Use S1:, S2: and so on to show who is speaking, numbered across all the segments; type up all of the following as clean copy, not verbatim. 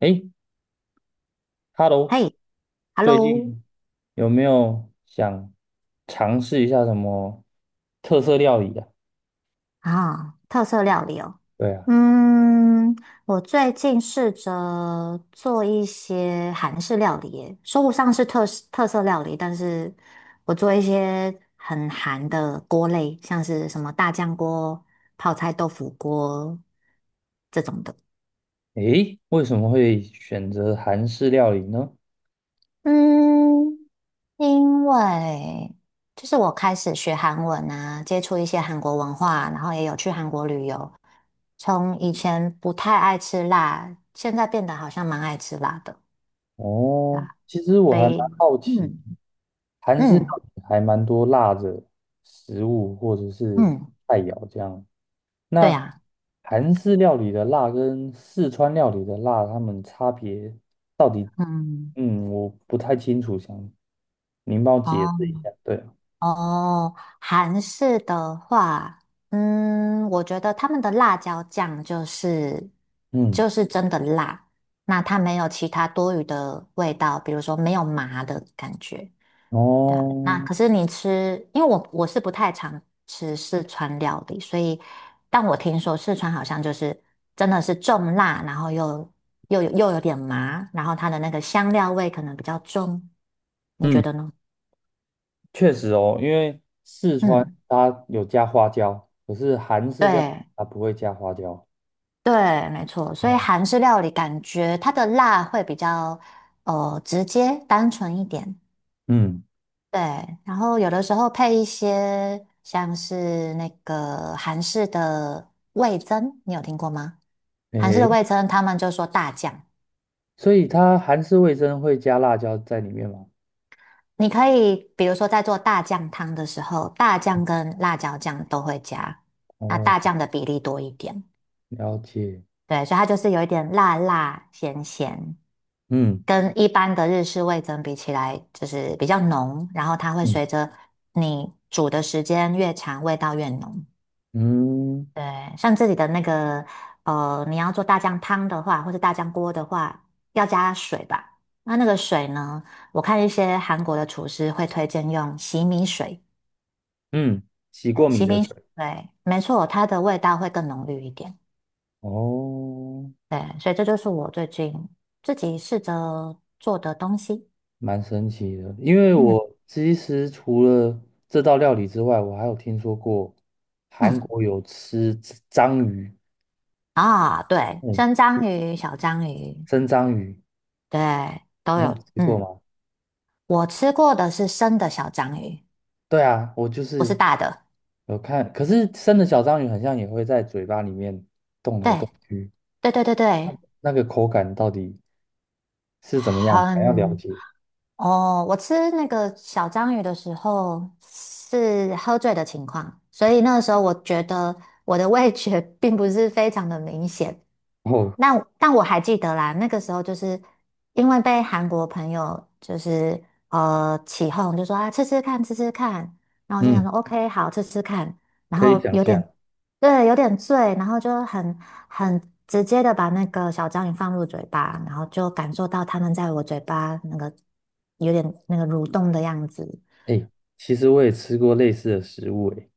S1: 诶， h e l l o
S2: 嘿
S1: 最
S2: ，Hello，
S1: 近有没有想尝试一下什么特色料理啊？
S2: 啊，特色料理哦。
S1: 对啊。
S2: 嗯，我最近试着做一些韩式料理耶，说不上是特色料理，但是我做一些很韩的锅类，像是什么大酱锅、泡菜豆腐锅这种的。
S1: 诶，为什么会选择韩式料理呢？
S2: 嗯，因为就是我开始学韩文啊，接触一些韩国文化，然后也有去韩国旅游。从以前不太爱吃辣，现在变得好像蛮爱吃辣的，对
S1: 哦，
S2: 吧？
S1: 其实我
S2: 所
S1: 还
S2: 以，
S1: 蛮好奇，
S2: 嗯
S1: 韩式料
S2: 嗯
S1: 理还蛮多辣的食物或者是
S2: 嗯，
S1: 菜肴这样。
S2: 对
S1: 那
S2: 啊，
S1: 韩式料理的辣跟四川料理的辣，它们差别到底？
S2: 嗯，
S1: 我不太清楚，想您帮我解释一
S2: 哦。
S1: 下。对。
S2: 哦，韩式的话，嗯，我觉得他们的辣椒酱就是
S1: 嗯。
S2: 就是真的辣，那它没有其他多余的味道，比如说没有麻的感觉，对啊。那
S1: 哦。
S2: 可是你吃，因为我是不太常吃四川料理，所以但我听说四川好像就是真的是重辣，然后又有点麻，然后它的那个香料味可能比较重，你觉
S1: 嗯。
S2: 得呢？
S1: 确实哦，因为四川
S2: 嗯，
S1: 它有加花椒，可是韩式料理
S2: 对，
S1: 它不会加花椒。
S2: 对，没错，所以
S1: 哦。
S2: 韩式料理感觉它的辣会比较直接、单纯一点。
S1: 嗯。
S2: 对，然后有的时候配一些像是那个韩式的味增，你有听过吗？韩式的
S1: 诶，
S2: 味增，他们就说大酱，
S1: 所以它韩式味噌会加辣椒在里面吗？
S2: 你可以比如说在做大酱汤的时候，大酱跟辣椒酱都会加，那
S1: 哦。
S2: 大酱的比例多一点。
S1: 了解。
S2: 对，所以它就是有一点辣辣咸咸，
S1: 嗯
S2: 跟一般的日式味增比起来，就是比较浓，然后它会随
S1: 嗯
S2: 着你煮的时间越长，味道越浓。
S1: 嗯
S2: 对，像这里的那个，你要做大酱汤的话，或者大酱锅的话，要加水吧？那那个水呢，我看一些韩国的厨师会推荐用洗米水，
S1: 嗯，洗过米
S2: 洗
S1: 的
S2: 米水，
S1: 水。
S2: 对，没错，它的味道会更浓郁一点。
S1: 哦。
S2: 对，所以这就是我最近自己试着做的东西。
S1: 蛮神奇的，因为
S2: 嗯
S1: 我其实除了这道料理之外，我还有听说过韩
S2: 嗯。
S1: 国有吃章鱼。
S2: 啊，对，
S1: 嗯，
S2: 生章鱼、小章鱼，
S1: 生章鱼，
S2: 对，都
S1: 你
S2: 有。
S1: 有吃过
S2: 嗯，
S1: 吗？
S2: 我吃过的是生的小章鱼，
S1: 对啊，我就
S2: 不是
S1: 是
S2: 大的。
S1: 有看，可是生的小章鱼好像也会在嘴巴里面动来
S2: 对，
S1: 动去。
S2: 对对对
S1: 那
S2: 对，
S1: 那个口感到底是怎么样？想要了
S2: 很
S1: 解。
S2: 哦，我吃那个小章鱼的时候是喝醉的情况，所以那个时候我觉得我的味觉 并不是非常的明显。
S1: 哦。
S2: 那但我还记得啦，那个时候就是因为被韩国朋友就是起哄，就说啊吃吃看吃吃看，然后我就想说
S1: 嗯。
S2: OK 好吃吃看，然
S1: 可以
S2: 后
S1: 想
S2: 有点
S1: 象。
S2: 对，有点醉，然后就很直接的把那个小章鱼放入嘴巴，然后就感受到它们在我嘴巴那个有点那个蠕动的样子。
S1: 哎，其实我也吃过类似的食物。哎，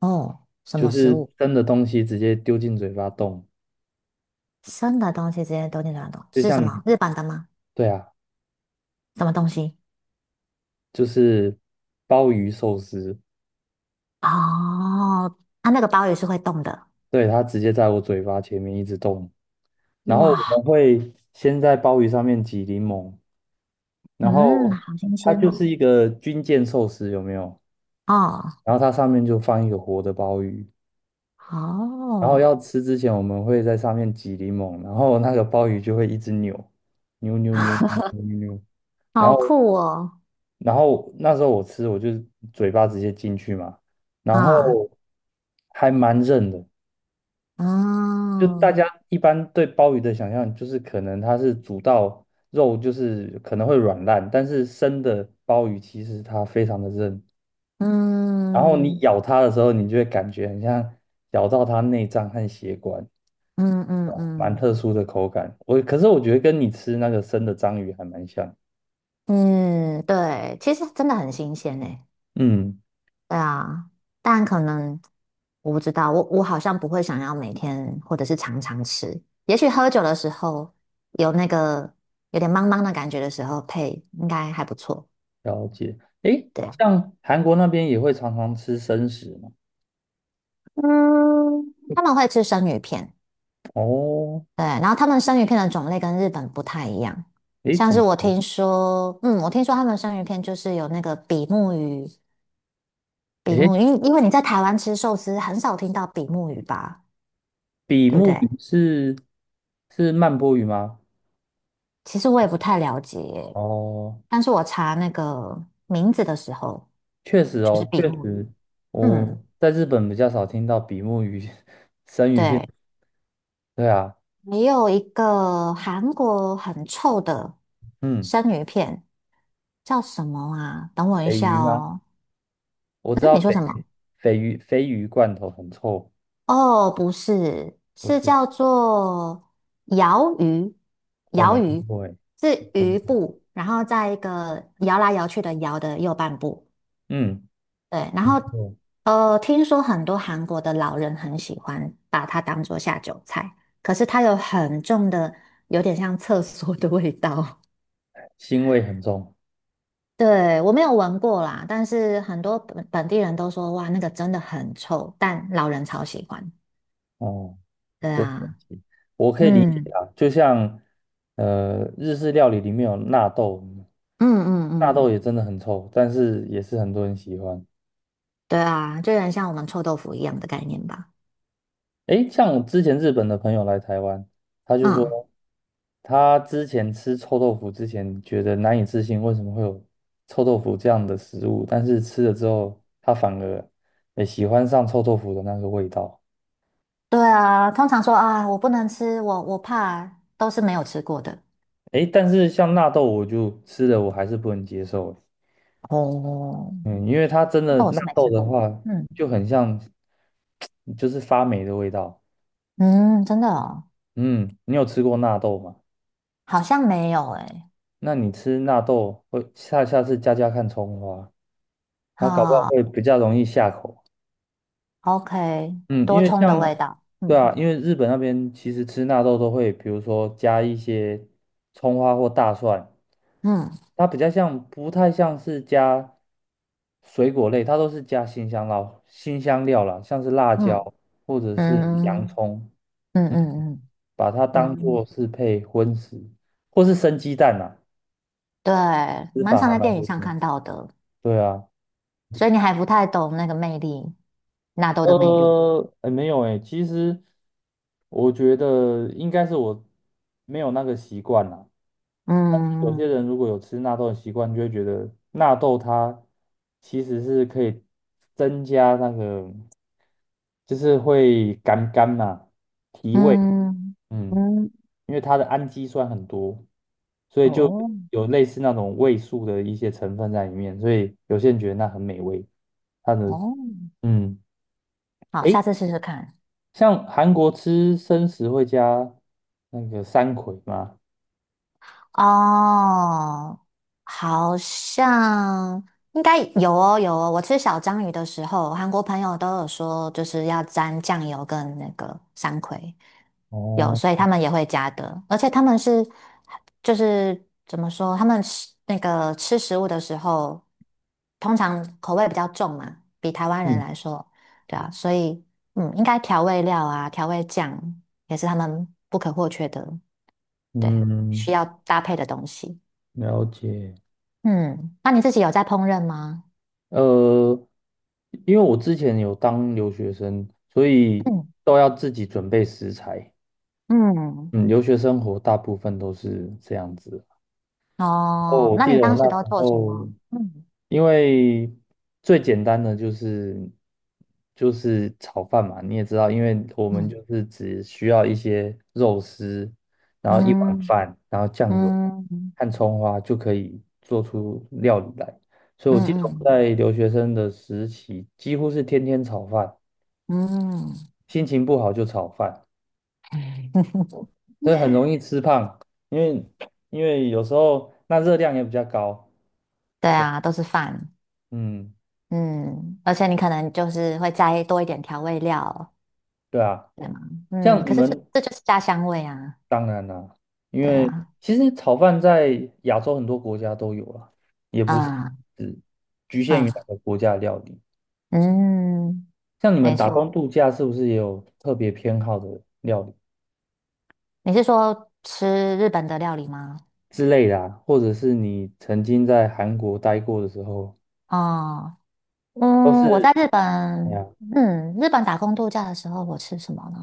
S2: 哦，什
S1: 就
S2: 么食
S1: 是
S2: 物？
S1: 生的东西直接丢进嘴巴动，
S2: 生的东西直接都进嘴巴动，
S1: 就
S2: 是什
S1: 像你，
S2: 么？日本的吗？
S1: 对啊，
S2: 什么东西？
S1: 就是鲍鱼寿司。
S2: 哦，它那个鲍鱼是会动的。
S1: 对，它直接在我嘴巴前面一直动。然后我
S2: 哇，
S1: 们会先在鲍鱼上面挤柠檬，然
S2: 嗯，
S1: 后
S2: 好新
S1: 它
S2: 鲜
S1: 就
S2: 哦。
S1: 是一个军舰寿司，有没有？
S2: 哦，
S1: 然后它上面就放一个活的鲍鱼，然后要
S2: 哦，
S1: 吃之前我们会在上面挤柠檬，然后那个鲍鱼就会一直扭，扭扭扭扭扭扭，然
S2: 好
S1: 后
S2: 酷哦。
S1: 那时候我吃我就嘴巴直接进去嘛。然后
S2: 啊，
S1: 还蛮韧的，就大家
S2: 嗯，
S1: 一般对鲍鱼的想象就是可能它是煮到肉就是可能会软烂，但是生的鲍鱼其实它非常的韧。然后你
S2: 嗯，
S1: 咬它的时候，你就会感觉很像咬到它内脏和血管，
S2: 嗯嗯
S1: 蛮
S2: 嗯。
S1: 特殊的口感。我可是我觉得跟你吃那个生的章鱼还蛮像。
S2: 嗯，对，其实真的很新鲜诶。
S1: 嗯。
S2: 对啊，但可能我不知道，我好像不会想要每天或者是常常吃。也许喝酒的时候有那个有点茫茫的感觉的时候配，应该还不错。
S1: 了解。诶，
S2: 对，
S1: 像韩国那边也会常常吃生食吗？
S2: 嗯，他们会吃生鱼片，
S1: 哦。
S2: 对，然后他们生鱼片的种类跟日本不太一样。
S1: 诶，
S2: 像
S1: 怎
S2: 是
S1: 么
S2: 我
S1: 说？
S2: 听说，嗯，我听说他们生鱼片就是有那个比目鱼，比
S1: 诶，
S2: 目鱼，因为你在台湾吃寿司很少听到比目鱼吧？
S1: 比
S2: 对不
S1: 目
S2: 对？
S1: 鱼是是曼波鱼吗？
S2: 其实我也不太了解，
S1: 哦。
S2: 但是我查那个名字的时候，
S1: 确实
S2: 就是
S1: 哦，
S2: 比
S1: 确
S2: 目
S1: 实。
S2: 鱼。嗯，
S1: 我在日本比较少听到比目鱼 生鱼片。
S2: 对，
S1: 对啊。
S2: 还有一个韩国很臭的
S1: 嗯。
S2: 生鱼片，叫什么啊？等我一
S1: 鲱
S2: 下
S1: 鱼吗？
S2: 哦。
S1: 我知
S2: 嗯，
S1: 道
S2: 你
S1: 鲱
S2: 说什么？
S1: 鱼罐头很臭。
S2: 哦，不是，
S1: 不
S2: 是
S1: 是？
S2: 叫做摇鱼，
S1: 我
S2: 摇
S1: 没听
S2: 鱼
S1: 过哎。没
S2: 是
S1: 听
S2: 鱼
S1: 过。
S2: 部，然后在一个摇来摇去的摇的右半部。
S1: 嗯。
S2: 对，然后
S1: 嗯，
S2: 听说很多韩国的老人很喜欢把它当做下酒菜，可是它有很重的，有点像厕所的味道。
S1: 腥味很重。
S2: 对，我没有闻过啦，但是很多本地人都说，哇，那个真的很臭，但老人超喜欢。
S1: 哦。
S2: 对
S1: 真神
S2: 啊，
S1: 奇，我可以理解
S2: 嗯
S1: 啊。就像日式料理里面有纳豆，
S2: 嗯嗯
S1: 纳豆
S2: 嗯，
S1: 也真的很臭，但是也是很多人喜欢。
S2: 对啊，就有点像我们臭豆腐一样的概念吧。
S1: 诶，像之前日本的朋友来台湾，他就
S2: 嗯，
S1: 说他之前吃臭豆腐之前觉得难以置信，为什么会有臭豆腐这样的食物？但是吃了之后，他反而也喜欢上臭豆腐的那个味道。
S2: 对啊，通常说啊，我不能吃，我怕，都是没有吃过的。
S1: 诶，但是像纳豆，我就吃了我还是不能接受。
S2: 哦，
S1: 嗯，因为它真的
S2: 那我
S1: 纳
S2: 是没
S1: 豆
S2: 吃
S1: 的
S2: 过。
S1: 话，
S2: 嗯。
S1: 就很像就是发霉的味道。
S2: 嗯，真的哦，
S1: 嗯，你有吃过纳豆吗？
S2: 好像没有诶。
S1: 那你吃纳豆会下次加看葱花。它搞不好
S2: 好
S1: 会比较容易下口。
S2: ，OK，
S1: 嗯，
S2: 多
S1: 因为
S2: 葱的
S1: 像，
S2: 味道。
S1: 对
S2: 嗯
S1: 啊，因为日本那边其实吃纳豆都会，比如说加一些葱花或大蒜，
S2: 嗯
S1: 它比较像，不太像是加水果类，它都是加新香料、新香料啦，像是辣
S2: 嗯
S1: 椒或者是洋
S2: 嗯
S1: 葱。
S2: 嗯嗯
S1: 嗯，
S2: 嗯
S1: 把它当做
S2: 嗯，
S1: 是配荤食，或是生鸡蛋呐、
S2: 对，
S1: 吃
S2: 蛮
S1: 法
S2: 常
S1: 还
S2: 在
S1: 蛮
S2: 电影
S1: 多
S2: 上
S1: 的。
S2: 看到的，
S1: 对啊。
S2: 所以你还不太懂那个魅力，纳豆的魅力。
S1: 没有哎，其实我觉得应该是我没有那个习惯啦。有些
S2: 嗯
S1: 人如果有吃纳豆的习惯，就会觉得纳豆它其实是可以增加那个，就是会干干嘛提味。
S2: 嗯
S1: 嗯。
S2: 嗯，
S1: 因为它的氨基酸很多，所以就
S2: 哦
S1: 有类似那种味素的一些成分在里面，所以有些人觉得那很美味，它的
S2: 哦，
S1: 嗯。
S2: 好，
S1: 诶。
S2: 下次试试看。
S1: 像韩国吃生食会加那个山葵吗？
S2: 哦，好像应该有哦，有哦。我吃小章鱼的时候，韩国朋友都有说，就是要沾酱油跟那个山葵，有，
S1: 哦。
S2: 所以他们也会加的。而且他们是，就是怎么说，他们吃那个吃食物的时候，通常口味比较重嘛，比台湾人
S1: 嗯。
S2: 来说，对啊，所以嗯，应该调味料啊，调味酱也是他们不可或缺的。对，需
S1: 嗯。
S2: 要搭配的东西。
S1: 了解。
S2: 嗯，那你自己有在烹饪吗？
S1: 呃，因为我之前有当留学生，所以
S2: 嗯
S1: 都要自己准备食材。
S2: 嗯，
S1: 嗯，留学生活大部分都是这样子。哦，
S2: 哦，
S1: 我
S2: 那
S1: 记
S2: 你
S1: 得我
S2: 当
S1: 那
S2: 时
S1: 时
S2: 都做什
S1: 候，
S2: 么？嗯
S1: 因为最简单的就是炒饭嘛，你也知道，因为我们
S2: 嗯
S1: 就是只需要一些肉丝，然后一碗
S2: 嗯
S1: 饭，然后酱油
S2: 嗯
S1: 和葱花就可以做出料理来。所以
S2: 嗯
S1: 我记得我
S2: 嗯
S1: 在留学生的时期，几乎是天天炒饭，
S2: 嗯，
S1: 心情不好就炒饭，
S2: 嗯
S1: 所以很容易吃胖，因为有时候那热量也比较高。
S2: 对
S1: 对。
S2: 啊，都是饭。
S1: 嗯。
S2: 嗯，而且你可能就是会加多一点调味料，
S1: 对啊。
S2: 对吗？嗯，
S1: 像你
S2: 可是这
S1: 们
S2: 这就是家乡味啊。
S1: 当然啦、因
S2: 对
S1: 为
S2: 啊，
S1: 其实炒饭在亚洲很多国家都有啊，也不是
S2: 啊
S1: 只局限于哪
S2: 啊
S1: 个国家的料理。
S2: 嗯，
S1: 像你们
S2: 没
S1: 打工
S2: 错。
S1: 度假是不是也有特别偏好的料理
S2: 你是说吃日本的料理吗？
S1: 之类的啊？或者是你曾经在韩国待过的时候，
S2: 哦，
S1: 都
S2: 嗯，我在
S1: 是
S2: 日
S1: 哎
S2: 本，
S1: 呀，
S2: 嗯，日本打工度假的时候，我吃什么呢？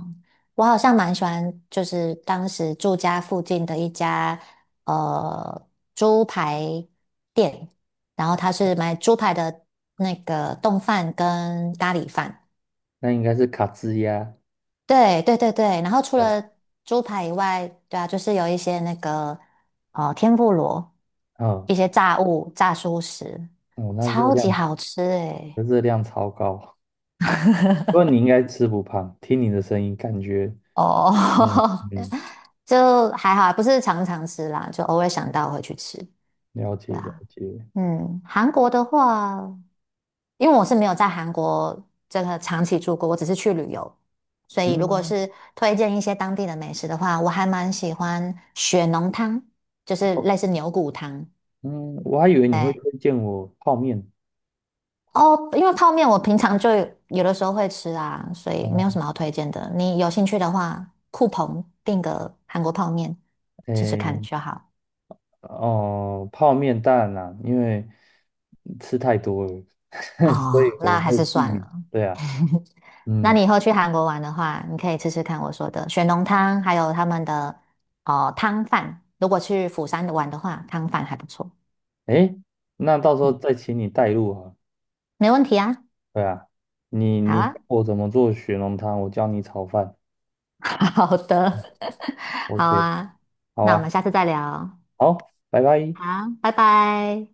S2: 我好像蛮喜欢，就是当时住家附近的一家呃猪排店，然后它是买猪排的那个冻饭跟咖喱饭。
S1: 那应该是卡兹呀，
S2: 对，然后除
S1: 对啊。
S2: 了猪排以外，对啊，就是有一些那个天妇罗，
S1: 嗯。
S2: 一些炸物、炸蔬食，
S1: 哦，那热
S2: 超级
S1: 量
S2: 好吃诶、
S1: 超高，不过你应该吃不胖，听你的声音感觉。
S2: 哦，
S1: 嗯。嗯。
S2: 就还好啊不是常常吃啦，就偶尔想到会去吃。
S1: 了解
S2: 对
S1: 了
S2: 啊，
S1: 解。
S2: 嗯，韩国的话，因为我是没有在韩国这个长期住过，我只是去旅游，所以如果
S1: 嗯
S2: 是推荐一些当地的美食的话，我还蛮喜欢血浓汤，就是
S1: ，OK。
S2: 类似牛骨汤。
S1: 嗯，我还以为你会
S2: 对，
S1: 推荐我泡面。
S2: 哦，因为泡面我平常就有的时候会吃啊，所以没有什
S1: 哦。
S2: 么好推荐的。你有兴趣的话，酷鹏订个韩国泡面吃吃看
S1: 诶。
S2: 就好。
S1: 哦，泡面当然啦，因为吃太多了，所
S2: 哦，
S1: 以我
S2: 那还
S1: 会
S2: 是
S1: 避
S2: 算
S1: 免。
S2: 了。
S1: 对啊。
S2: 那
S1: 嗯。
S2: 你以后去韩国玩的话，你可以吃吃看我说的雪浓汤，还有他们的哦汤饭。如果去釜山玩的话，汤饭还不错。
S1: 诶，那到时候
S2: 嗯，
S1: 再请你带路啊。
S2: 没问题啊。
S1: 对啊，你
S2: 好
S1: 教
S2: 啊，
S1: 我怎么做雪浓汤，我教你炒饭。
S2: 好的，好
S1: OK。
S2: 啊。
S1: 好
S2: 那我们
S1: 啊。
S2: 下次再聊。
S1: 好，拜拜。
S2: 好，拜拜。